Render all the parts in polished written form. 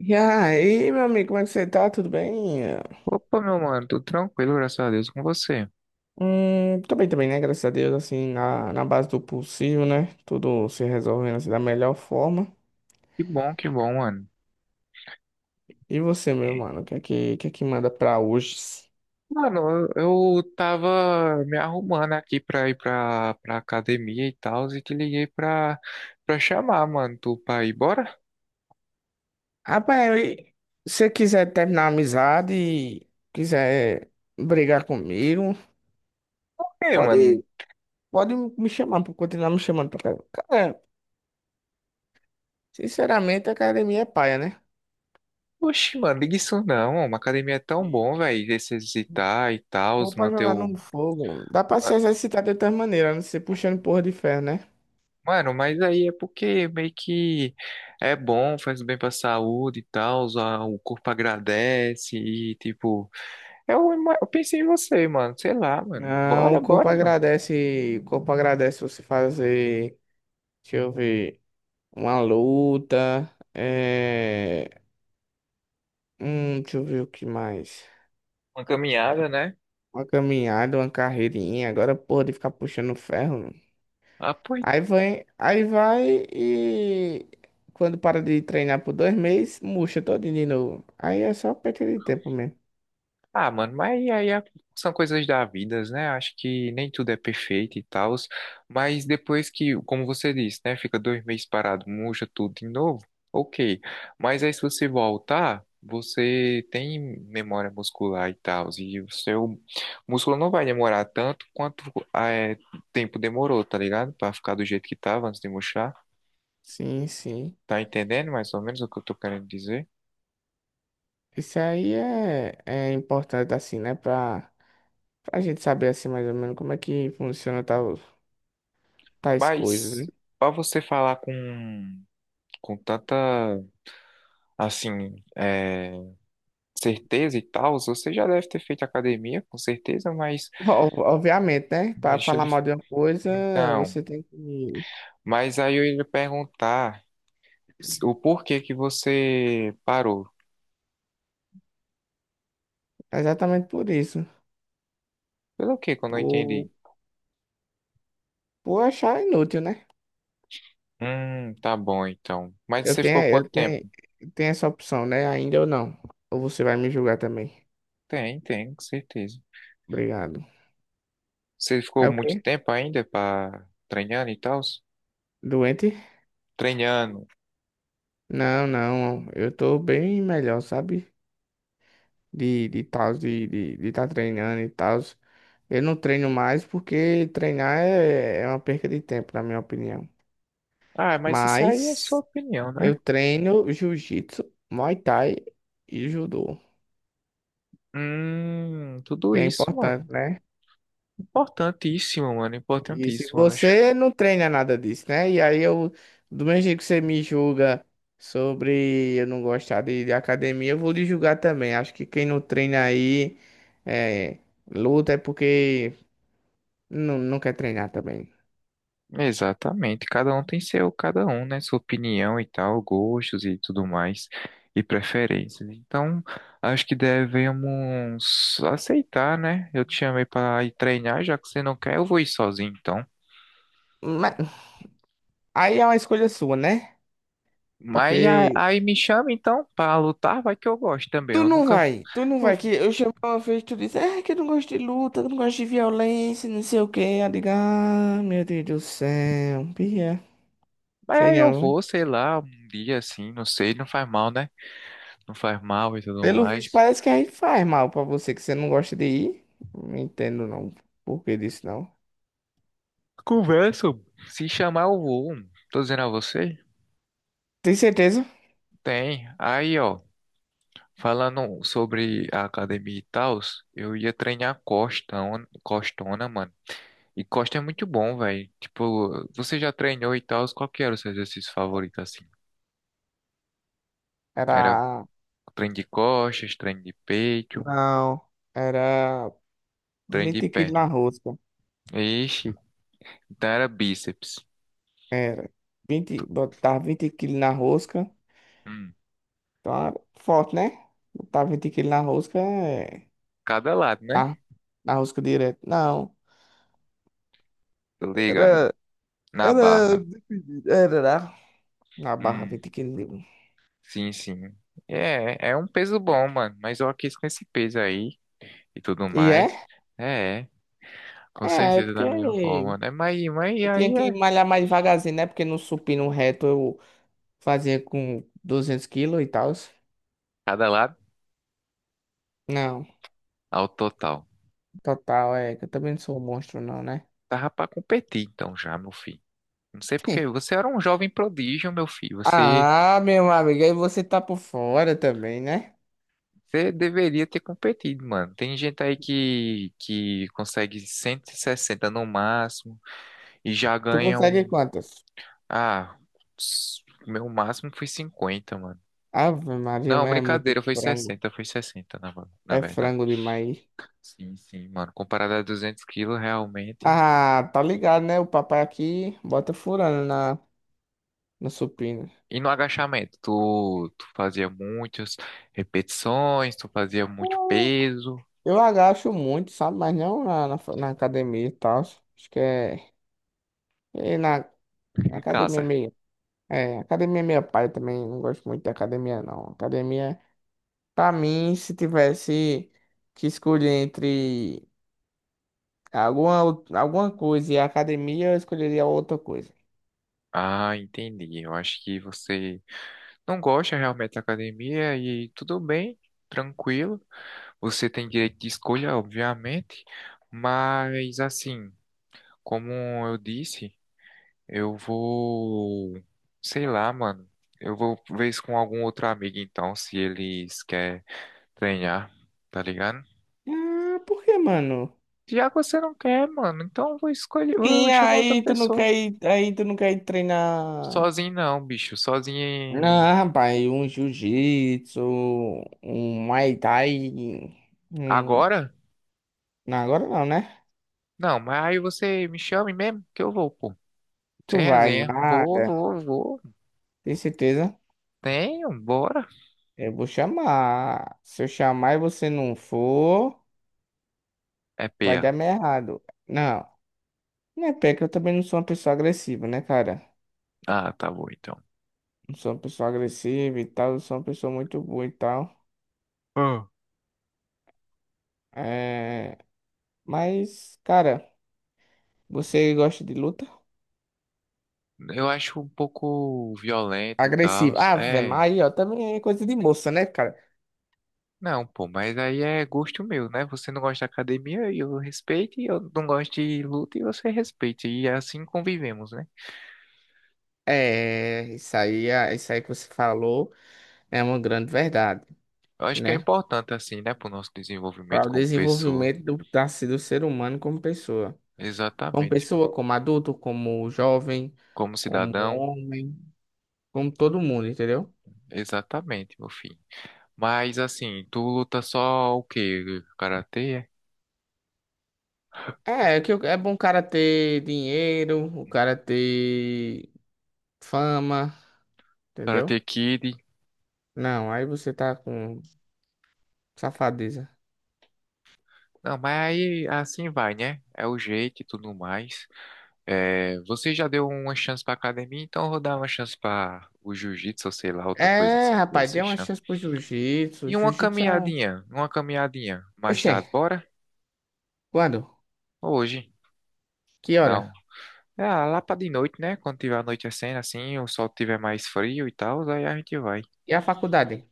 E aí, meu amigo, como é que você tá? Tudo bem? Opa, meu mano, tudo tranquilo, graças a Deus, com você. Tô bem também, né? Graças a Deus, assim, na base do possível, né? Tudo se resolvendo assim, da melhor forma. Que bom, mano. E você, meu mano, o que é que manda pra hoje? Mano, eu tava me arrumando aqui pra ir pra academia e tal, e te liguei pra chamar, mano, tu pra ir, bora? Rapaz, e se você quiser terminar a amizade e quiser brigar comigo, É, pode, mano. pode me chamar, pode continuar me chamando pra cara. Cara, sinceramente, a academia é paia, né? Oxi, mano, liga isso não. Uma academia é tão bom, velho, se exercitar e tal, Bom pra manter jogar o... no fogo. Dá pra se ma- exercitar de outras maneiras, não ser puxando porra de ferro, né? Mano, mas aí é porque meio que é bom, faz bem pra saúde e tal, o corpo agradece e, tipo... Eu pensei em você, mano. Sei lá, mano. Não, Bora, bora, mano. O corpo agradece você fazer, deixa eu ver, uma luta, é, deixa eu ver o que mais. Uma caminhada, né? Uma caminhada, uma carreirinha, agora porra de ficar puxando ferro, mano. Ah, pois. Aí vai e quando para de treinar por 2 meses, murcha todinho de novo. Aí é só perda de tempo mesmo. Ah, mano, são coisas da vida, né? Acho que nem tudo é perfeito e tal. Mas depois que, como você disse, né? Fica 2 meses parado, murcha tudo de novo. Ok. Mas aí se você voltar, você tem memória muscular e tal. E o seu músculo não vai demorar tanto quanto ah, é, tempo demorou, tá ligado? Pra ficar do jeito que tava antes de murchar. Sim, sim. Tá entendendo mais ou menos o que eu tô querendo dizer? Isso aí é importante assim, né, pra gente saber assim mais ou menos como é que funciona tal, tais coisas, Mas né? pra você falar com tanta, assim, é, certeza e tal, você já deve ter feito academia, com certeza, Obviamente, né? mas Para deixa falar ele... mal de uma coisa, Então, você tem que. mas aí eu ia lhe perguntar o porquê que você parou. Exatamente por isso. Pelo quê? Que eu não entendi? Por, por achar inútil, né? Tá bom então. Mas Eu você tenho, ficou eu quanto tempo? tenho, eu tenho essa opção, né? Ainda ou não. Ou você vai me julgar também. Tem, tem, com certeza. Obrigado. Você É ficou o muito quê? tempo ainda pra treinando e tal? Doente? Treinando. Não, não. Eu tô bem melhor, sabe? De tá treinando e tal. Eu não treino mais porque treinar é uma perca de tempo, na minha opinião. Ah, mas isso aí é sua Mas. opinião, né? Eu treino jiu-jitsu, muay thai e judô, Tudo que é isso, mano. importante, né? Importantíssimo, mano. E se Importantíssimo, eu acho. você não treina nada disso, né? E aí eu, do mesmo jeito que você me julga sobre eu não gostar de academia, eu vou lhe julgar também. Acho que quem não treina aí é, luta é porque não quer treinar também. Exatamente. Cada um tem seu, cada um, né? Sua opinião e tal, gostos e tudo mais, e preferências. Então, acho que devemos aceitar, né? Eu te chamei para ir treinar, já que você não quer, eu vou ir sozinho, então. Mas, aí é uma escolha sua, né? Porque Aí me chama, então, para lutar, vai que eu gosto também. Tu Eu não nunca. vai, tu não vai. Que eu chamei uma vez, tu disse, é que eu não gosto de luta, que eu não gosto de violência, não sei o quê. Eu digo, ah, meu Deus do céu, Bia. Mas Sei aí eu não. vou, sei lá, um dia assim, não sei, não faz mal, né? Não faz mal e tudo Pelo visto, mais. parece que aí faz mal pra você, que você não gosta de ir. Não entendo não por que disso, não. Conversam. Se chamar, eu vou. Tô dizendo a você? Tem certeza? Tem. Aí, ó, falando sobre a academia e tal, eu ia treinar costona, mano. E costa é muito bom, velho. Tipo, você já treinou e tal, qual que era o seu exercício favorito, assim? Era Era. treino de costas, treino de peito, Não. Era treino de 20 quilos na perna. rosca. Ixi, então era bíceps. Era 20, Tu- botar 20 quilos na rosca. Hum, Então, forte, né? Botar 20 quilos na rosca é. cada lado, né? Ah, Arrusca direto. Não. Tô ligado. Era. Na Era. barra. Era lá na barra Hum. 20 quilos. Sim, sim. É, é um peso bom, mano. Mas eu quis com esse peso aí e tudo E é? mais. É, é, com É, é certeza da melhor porque forma, né? Mas eu tinha aí que é malhar mais devagarzinho, né? Porque no supino reto eu fazia com 200 quilos e tal. cada lado Não, ao total. total, é que eu também não sou um monstro, não, né? Tava pra competir então já, meu filho. Não sei porque você era um jovem prodígio, meu filho. Você, Ah, meu amigo, aí você tá por fora também, né? você deveria ter competido, mano. Tem gente aí que consegue 160 no máximo e já Tu ganha consegue um. quantas? Ah, o meu máximo foi 50, mano. Ave Maria, Não, mas é muito brincadeira, foi frango. 60, foi 60, na É verdade. frango demais. Sim, sim, mano. Comparado a 200 quilos, realmente. Ah, tá ligado, né? O papai aqui bota furando na supina. E no agachamento, tu fazia muitas repetições, tu fazia muito Eu peso eu agacho muito, sabe? Mas não na academia e tal. Acho que é. E na em academia casa. meio. É, academia é meio pai também. Não gosto muito de academia, não. Academia, pra mim, se tivesse que escolher entre alguma coisa e a academia, eu escolheria outra coisa. Ah, entendi. Eu acho que você não gosta realmente da academia, e tudo bem, tranquilo. Você tem direito de escolha, obviamente, mas assim, como eu disse. Eu vou, sei lá, mano. Eu vou ver isso com algum outro amigo então, se eles querem treinar, tá ligado? Ah, por que, mano? Já que você não quer, mano, então eu vou escolher, eu E vou chamar outra pessoa. Aí tu não quer ir treinar. Sozinho não, bicho. Não, rapaz, um jiu-jitsu, um Muay Thai. Um... Agora? Não, agora não, né? Não, mas aí você me chame mesmo que eu vou, pô. Tu Sem vai, resenha. Vou, nada. vou, vou. Tem certeza? Tenho, bora. Eu vou chamar. Se eu chamar e você não for, É vai peia. dar meio errado. Não, não é pé que eu também não sou uma pessoa agressiva, né, cara? Ah, tá bom então. Não sou uma pessoa agressiva e tal, eu sou uma pessoa muito boa e tal. Ah. É... Mas, cara, você gosta de luta? Eu acho um pouco violento e tal. Agressiva. Ah, velho, mas É. aí, ó, também é coisa de moça, né, cara? Não, pô, mas aí é gosto meu, né? Você não gosta de academia, eu respeito, e eu não gosto de luta e você respeita. E é assim convivemos, né? É, isso aí que você falou é uma grande verdade, Eu acho que é né? importante, assim, né, pro nosso desenvolvimento Para o como pessoa. desenvolvimento do ser humano como pessoa. Como Exatamente. pessoa, como adulto, como jovem, Como como cidadão, homem, como todo mundo, entendeu? exatamente, meu filho. Mas assim, tu luta só o quê? Karatê? É? É, é que é bom o cara ter dinheiro, o cara ter fama, entendeu? Karate Kid? Não, aí você tá com safadeza. Não, mas aí assim vai, né? É o jeito e tudo mais. É, você já deu uma chance pra academia, então eu vou dar uma chance pra o jiu-jitsu, ou sei lá, outra coisa É, assim que rapaz, você dê uma chama. chance pro jiu-jitsu. E Jiu-jitsu é um. Uma caminhadinha mais Oxê, tarde, bora? quando? Hoje, Que dá um. hora? É, lá pra de noite, né? Quando tiver anoitecendo assim, o sol tiver mais frio e tal, aí a gente vai. E a faculdade?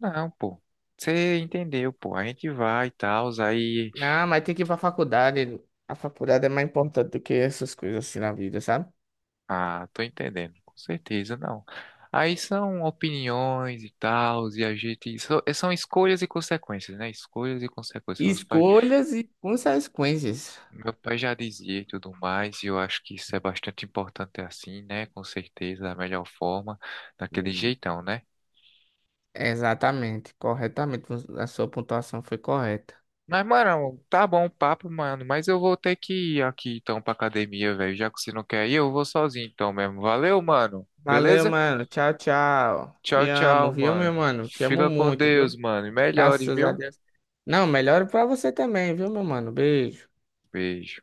Não, pô. Você entendeu, pô. A gente vai e tal, aí. Não, mas tem que ir pra faculdade. A faculdade é mais importante do que essas coisas assim na vida, sabe? Ah, tô entendendo, com certeza, não. Aí são opiniões e tal, e a gente. São escolhas e consequências, né? Escolhas e consequências. Escolhas e consequências. Meu pai já dizia e tudo mais, e eu acho que isso é bastante importante assim, né? Com certeza, da melhor forma, daquele Hum. jeitão, né? Exatamente, corretamente. A sua pontuação foi correta. Mas, mano, tá bom o papo, mano, mas eu vou ter que ir aqui então pra academia, velho. Já que você não quer ir, eu vou sozinho então mesmo. Valeu, mano. Valeu, Beleza? mano. Tchau, tchau. Tchau, Te amo, tchau, viu, meu mano. mano? Te amo Fica com muito, viu? Deus, mano. E melhores, Graças a viu? Deus. Não, melhor pra você também, viu, meu mano? Beijo. Beijo.